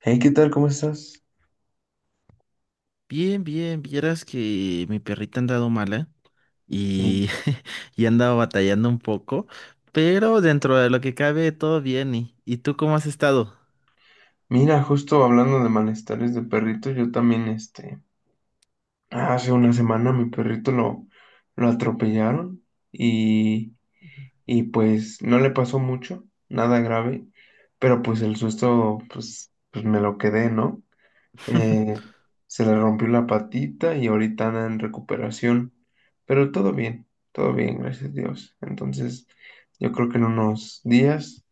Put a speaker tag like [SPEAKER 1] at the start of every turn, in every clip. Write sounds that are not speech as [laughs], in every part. [SPEAKER 1] Hey, ¿qué tal? ¿Cómo estás?
[SPEAKER 2] Bien, bien, vieras que mi perrita ha andado mala y,
[SPEAKER 1] Hijo.
[SPEAKER 2] [laughs] y ha andado batallando un poco, pero dentro de lo que cabe todo bien. ¿Y tú cómo has estado?
[SPEAKER 1] Mira, justo hablando de malestares de perrito, yo también, hace una semana mi perrito lo atropellaron y, y pues no le pasó mucho, nada grave, pero pues el susto, pues, pues me lo quedé, ¿no? Eh,
[SPEAKER 2] [laughs]
[SPEAKER 1] Se le rompió la patita y ahorita anda en recuperación, pero todo bien, gracias a Dios. Entonces, yo creo que en unos días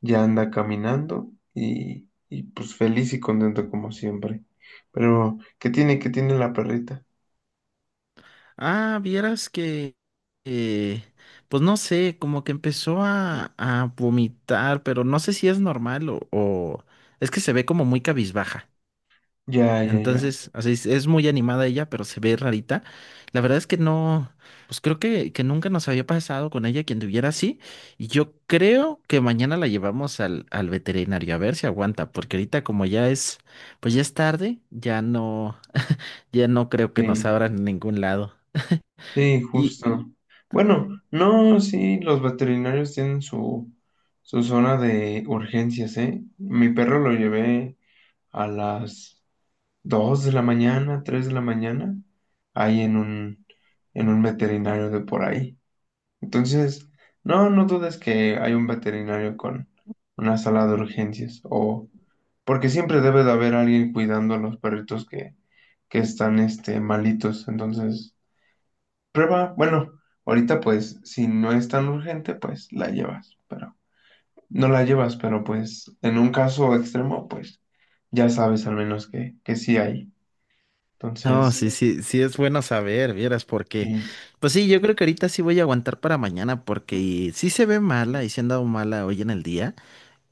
[SPEAKER 1] ya anda caminando y pues feliz y contento como siempre. Pero, ¿qué tiene? ¿Qué tiene la perrita?
[SPEAKER 2] Ah, vieras eh, pues no sé, como que empezó a vomitar, pero no sé si es normal es que se ve como muy cabizbaja.
[SPEAKER 1] Ya, ya, ya.
[SPEAKER 2] Entonces, así es muy animada ella, pero se ve rarita. La verdad es que no, pues creo que nunca nos había pasado con ella quien tuviera así. Y yo creo que mañana la llevamos al veterinario a ver si aguanta, porque ahorita como ya es, pues ya es tarde, ya no, ya no creo que nos
[SPEAKER 1] Sí,
[SPEAKER 2] abran en ningún lado.
[SPEAKER 1] sí,
[SPEAKER 2] Y
[SPEAKER 1] justo. Bueno, no, sí, los veterinarios tienen su zona de urgencias, ¿eh? Mi perro lo llevé a las 2 de la mañana, 3 de la mañana, ahí en un veterinario de por ahí. Entonces, no, no dudes que hay un veterinario con una sala de urgencias o porque siempre debe de haber alguien cuidando a los perritos que están malitos. Entonces, prueba, bueno, ahorita pues si no es tan urgente, pues la llevas, pero no la llevas, pero pues en un caso extremo, pues ya sabes al menos que sí hay.
[SPEAKER 2] no,
[SPEAKER 1] Entonces,
[SPEAKER 2] sí, sí, sí es bueno saber, vieras, porque,
[SPEAKER 1] sí,
[SPEAKER 2] pues sí, yo creo que ahorita sí voy a aguantar para mañana, porque sí se ve mala y se ha andado mala hoy en el día.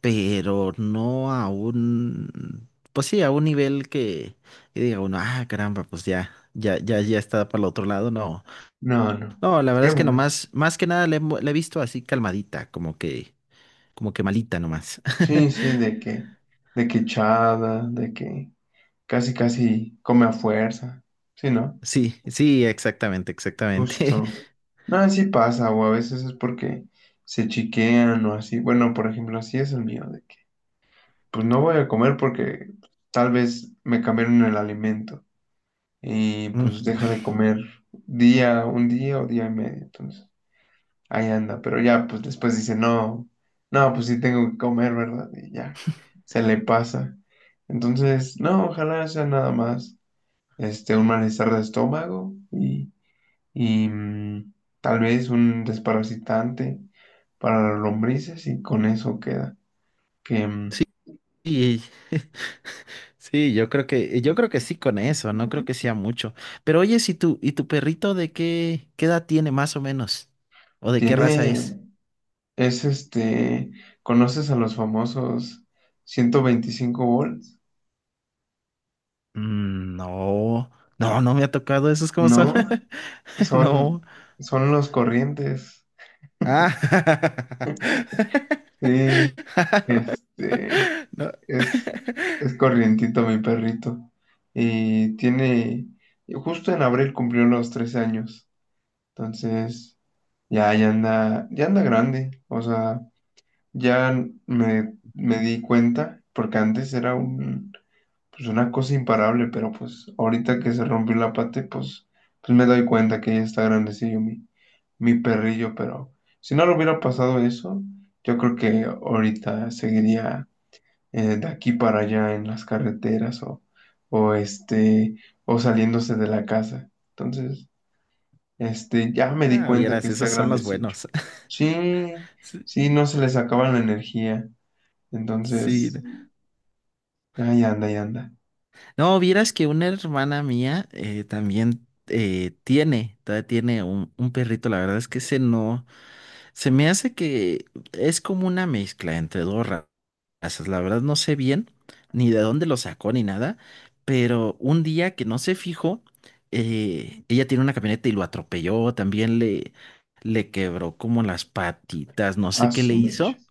[SPEAKER 2] Pero no a un, pues sí, a un nivel que diga uno, ah, caramba, pues ya, ya, ya, ya está para el otro lado, no.
[SPEAKER 1] no, no.
[SPEAKER 2] No, la verdad
[SPEAKER 1] Qué
[SPEAKER 2] es que
[SPEAKER 1] bueno.
[SPEAKER 2] nomás, más que nada la he visto así calmadita, como que malita nomás.
[SPEAKER 1] Sí, sí,
[SPEAKER 2] [laughs]
[SPEAKER 1] de que echada, de que casi, casi come a fuerza. Sí, ¿no?
[SPEAKER 2] Sí, sí, exactamente, exactamente.
[SPEAKER 1] Justo.
[SPEAKER 2] [laughs]
[SPEAKER 1] No, sí pasa, o a veces es porque se chiquean o así. Bueno, por ejemplo, así es el mío, de que pues no voy a comer porque tal vez me cambiaron el alimento y
[SPEAKER 2] Mm.
[SPEAKER 1] pues deja de comer día, un día o día y medio. Entonces, ahí anda, pero ya pues después dice, no, no, pues sí tengo que comer, ¿verdad? Y ya, se le pasa. Entonces, no, ojalá sea nada más un malestar de estómago y tal vez un desparasitante para las lombrices y con eso queda. Que mm,
[SPEAKER 2] Sí, y- [laughs] sí, yo creo yo creo que sí con eso, no creo que sea mucho. Pero oye, si tu, ¿y tu perrito de qué edad tiene más o menos? ¿O de qué raza es?
[SPEAKER 1] tiene, es ¿conoces a los famosos 125 volts?
[SPEAKER 2] Mm. No, no, no me ha tocado esos cómo son.
[SPEAKER 1] No,
[SPEAKER 2] [laughs] No.
[SPEAKER 1] son, son los corrientes.
[SPEAKER 2] Ah. [laughs]
[SPEAKER 1] Sí, este,
[SPEAKER 2] No.
[SPEAKER 1] es, es corrientito mi perrito. Y tiene, justo en abril cumplió los 13 años. Entonces, ya, ya anda grande. O sea, ya me di cuenta, porque antes era un, pues una cosa imparable, pero pues ahorita que se rompió la pata, pues, pues me doy cuenta que ya está grandecillo mi perrillo, pero si no le hubiera pasado eso, yo creo que ahorita seguiría de aquí para allá en las carreteras o o saliéndose de la casa. Entonces. Ya me di
[SPEAKER 2] Ah,
[SPEAKER 1] cuenta que
[SPEAKER 2] vieras,
[SPEAKER 1] está
[SPEAKER 2] esos son los
[SPEAKER 1] grandecillo.
[SPEAKER 2] buenos. [laughs]
[SPEAKER 1] Sí,
[SPEAKER 2] Sí,
[SPEAKER 1] sí, no se les acaba la energía.
[SPEAKER 2] sí.
[SPEAKER 1] Entonces,
[SPEAKER 2] No.
[SPEAKER 1] ahí anda, ahí anda.
[SPEAKER 2] No, vieras que una hermana mía también tiene, todavía tiene un perrito. La verdad es que ese no. Se me hace que es como una mezcla entre razas. La verdad no sé bien ni de dónde lo sacó ni nada, pero un día que no se fijó, ella tiene una camioneta y lo atropelló, también le quebró como las patitas, no
[SPEAKER 1] A
[SPEAKER 2] sé qué le
[SPEAKER 1] su mecha.
[SPEAKER 2] hizo,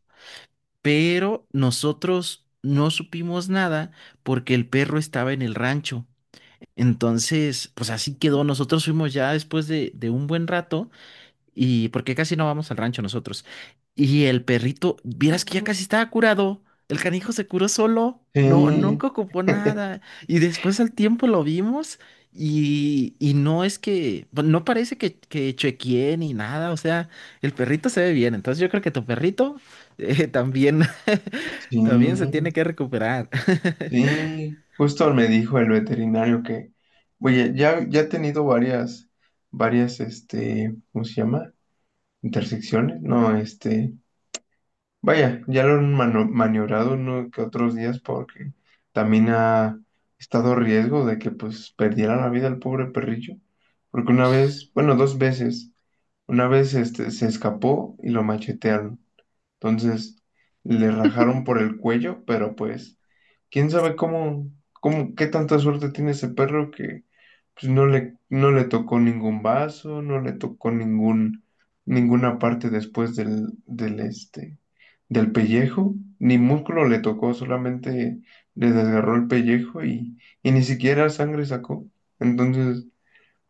[SPEAKER 2] pero nosotros no supimos nada porque el perro estaba en el rancho. Entonces, pues así quedó. Nosotros fuimos ya después de un buen rato. Y porque casi no vamos al rancho nosotros. Y el perrito, vieras que ya casi estaba curado. El canijo se curó solo. No,
[SPEAKER 1] Sí,
[SPEAKER 2] nunca ocupó nada. Y después al tiempo lo vimos y no es que, bu- no parece que chequee ni nada. O sea, el perrito se ve bien. Entonces yo creo que tu perrito también,
[SPEAKER 1] sí,
[SPEAKER 2] [laughs] también se tiene que recuperar. [laughs]
[SPEAKER 1] sí. Justo me dijo el veterinario que, oye, ya, varias, ¿cómo se llama? Intersecciones, no, vaya, ya lo han maniobrado uno que otros días porque también ha estado riesgo de que pues perdiera la vida el pobre perrillo. Porque una vez, bueno, dos veces, una vez se escapó y lo machetearon. Entonces le rajaron por el cuello, pero pues quién sabe cómo, qué tanta suerte tiene ese perro que pues no no le tocó ningún vaso, no le tocó ninguna parte después del del pellejo, ni músculo le tocó, solamente le desgarró el pellejo y ni siquiera sangre sacó. Entonces,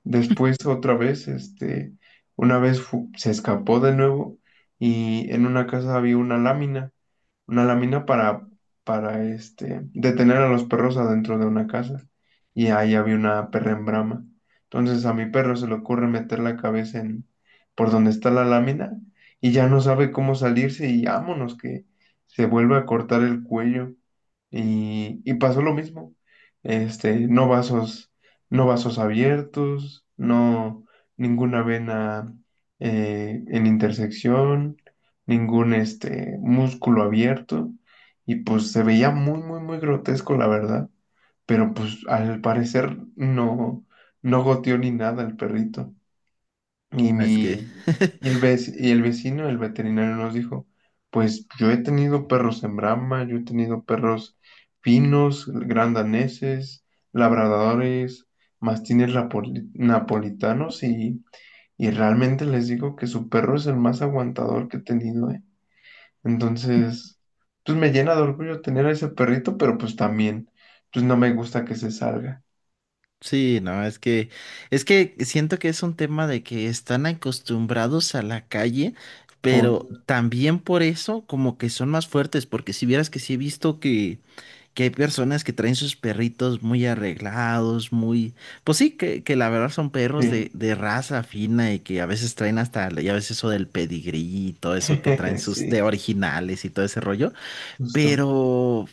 [SPEAKER 1] después otra vez, una vez se escapó de nuevo y en una casa había una lámina para detener a los perros adentro de una casa. Y ahí había una perra en brama. Entonces a mi perro se le ocurre meter la cabeza en por donde está la lámina y ya no sabe cómo salirse y vámonos que se vuelve a cortar el cuello. Y pasó lo mismo. No vasos, no vasos abiertos, no ninguna vena en intersección ningún músculo abierto y pues se veía muy grotesco la verdad, pero pues al parecer no no goteó ni nada el perrito. Y
[SPEAKER 2] No, es que...
[SPEAKER 1] mi y el vecino, el veterinario nos dijo, pues yo he tenido perros en brama yo he tenido perros finos, grandaneses, labradores, mastines napolitanos y realmente les digo que su perro es el más aguantador que he tenido, ¿eh? Entonces, pues me llena de orgullo tener a ese perrito, pero pues también, pues no me gusta que se salga.
[SPEAKER 2] Sí, no, es que siento que es un tema de que están acostumbrados a la calle, pero
[SPEAKER 1] Oh,
[SPEAKER 2] también por eso como que son más fuertes, porque si vieras que sí he visto que hay personas que traen sus perritos muy arreglados, muy, pues sí, que la verdad son perros
[SPEAKER 1] sí,
[SPEAKER 2] de raza fina y que a veces traen hasta, ya ves eso del pedigrí y todo eso que traen
[SPEAKER 1] [laughs]
[SPEAKER 2] sus de
[SPEAKER 1] sí,
[SPEAKER 2] originales y todo ese rollo,
[SPEAKER 1] justo.
[SPEAKER 2] pero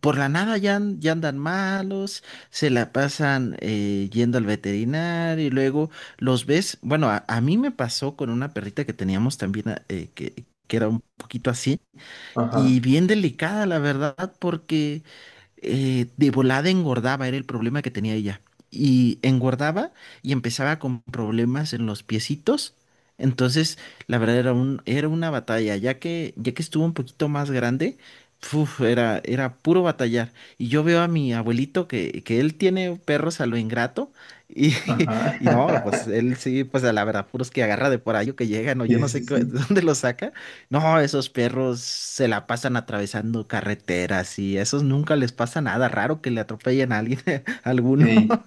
[SPEAKER 2] por la nada ya, an- ya andan malos, se la pasan yendo al veterinario y luego los ves. Bueno, a mí me pasó con una perrita que teníamos también, que era un poquito así,
[SPEAKER 1] Ajá,
[SPEAKER 2] y bien delicada, la verdad, porque de volada engordaba, era el problema que tenía ella. Y engordaba y empezaba con problemas en los piecitos. Entonces, la verdad era un, era una batalla, ya que estuvo un poquito más grande, uf, era, era puro batallar. Y yo veo a mi abuelito que él tiene perros a lo ingrato. Y, [laughs]
[SPEAKER 1] ajá.
[SPEAKER 2] y no, pues
[SPEAKER 1] [laughs]
[SPEAKER 2] él sí, pues a la verdad, puros que agarra de por ahí o que llegan, o yo
[SPEAKER 1] Sí,
[SPEAKER 2] no
[SPEAKER 1] sí,
[SPEAKER 2] sé qué- [laughs]
[SPEAKER 1] sí.
[SPEAKER 2] dónde los saca. No, esos perros se la pasan atravesando carreteras y a esos nunca les pasa nada. Raro que le atropellen a alguien, [laughs] a alguno.
[SPEAKER 1] Sí,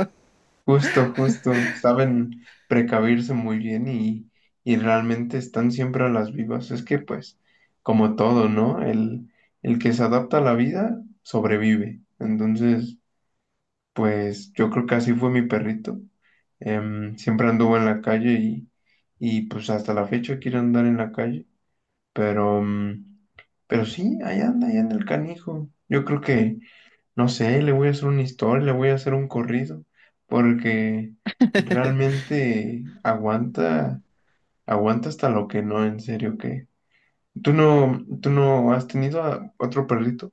[SPEAKER 1] justo, justo. Saben precavirse muy bien y realmente están siempre a las vivas. Es que pues, como todo, ¿no? El que se adapta a la vida sobrevive. Entonces... Pues yo creo que así fue mi perrito. Siempre anduvo en la calle y pues hasta la fecha quiere andar en la calle. Pero, mm, pero sí, ahí anda el canijo. Yo creo que, no sé, le voy a hacer una historia, le voy a hacer un corrido, porque realmente aguanta, aguanta hasta lo que no, en serio que. ¿Tú no has tenido a otro perrito?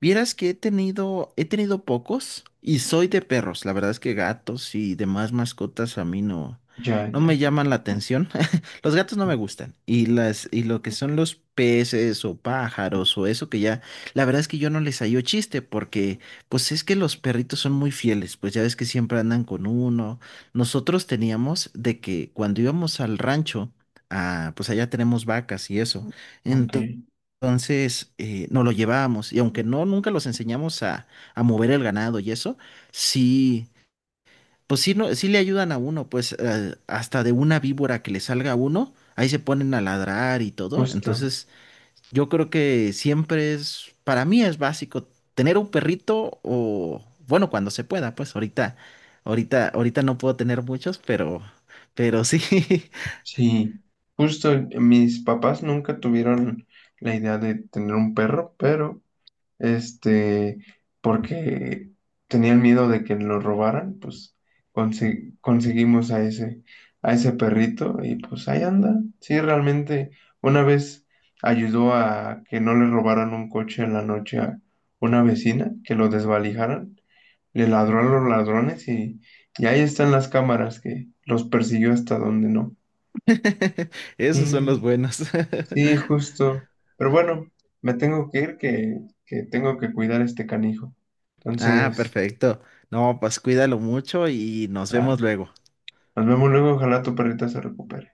[SPEAKER 2] Vieras que he tenido pocos y soy de perros. La verdad es que gatos y demás mascotas a mí no,
[SPEAKER 1] Ya,
[SPEAKER 2] no me
[SPEAKER 1] ya.
[SPEAKER 2] llaman la atención. [laughs] Los gatos no me gustan. Y las, y lo que son los peces o pájaros o eso que ya, la verdad es que yo no les hallo chiste porque pues es que los perritos son muy fieles. Pues ya ves que siempre andan con uno. Nosotros teníamos de que cuando íbamos al rancho, ah, pues allá tenemos vacas y eso.
[SPEAKER 1] Ok,
[SPEAKER 2] Entonces, entonces, nos lo llevábamos y aunque no, nunca los enseñamos a mover el ganado y eso, sí, pues sí, no, sí le ayudan a uno, pues hasta de una víbora que le salga a uno, ahí se ponen a ladrar y todo.
[SPEAKER 1] justo.
[SPEAKER 2] Entonces, yo creo que siempre es, para mí es básico tener un perrito o, bueno, cuando se pueda, pues ahorita, ahorita no puedo tener muchos, pero sí,
[SPEAKER 1] Sí, justo mis papás nunca tuvieron la idea de tener un perro, pero este, porque tenían miedo de que lo robaran, pues conseguimos a a ese perrito y pues ahí anda. Sí, realmente una vez ayudó a que no le robaran un coche en la noche a una vecina, que lo desvalijaran, le ladró a los ladrones y ahí están las cámaras que los persiguió hasta donde no.
[SPEAKER 2] [laughs]
[SPEAKER 1] Sí.
[SPEAKER 2] esos son los buenos.
[SPEAKER 1] Sí,
[SPEAKER 2] [laughs]
[SPEAKER 1] justo. Pero bueno, me tengo que que tengo que cuidar a este canijo.
[SPEAKER 2] Ah,
[SPEAKER 1] Entonces,
[SPEAKER 2] perfecto. No, pues cuídalo mucho y nos
[SPEAKER 1] claro.
[SPEAKER 2] vemos luego.
[SPEAKER 1] Nos vemos luego, ojalá tu perrita se recupere.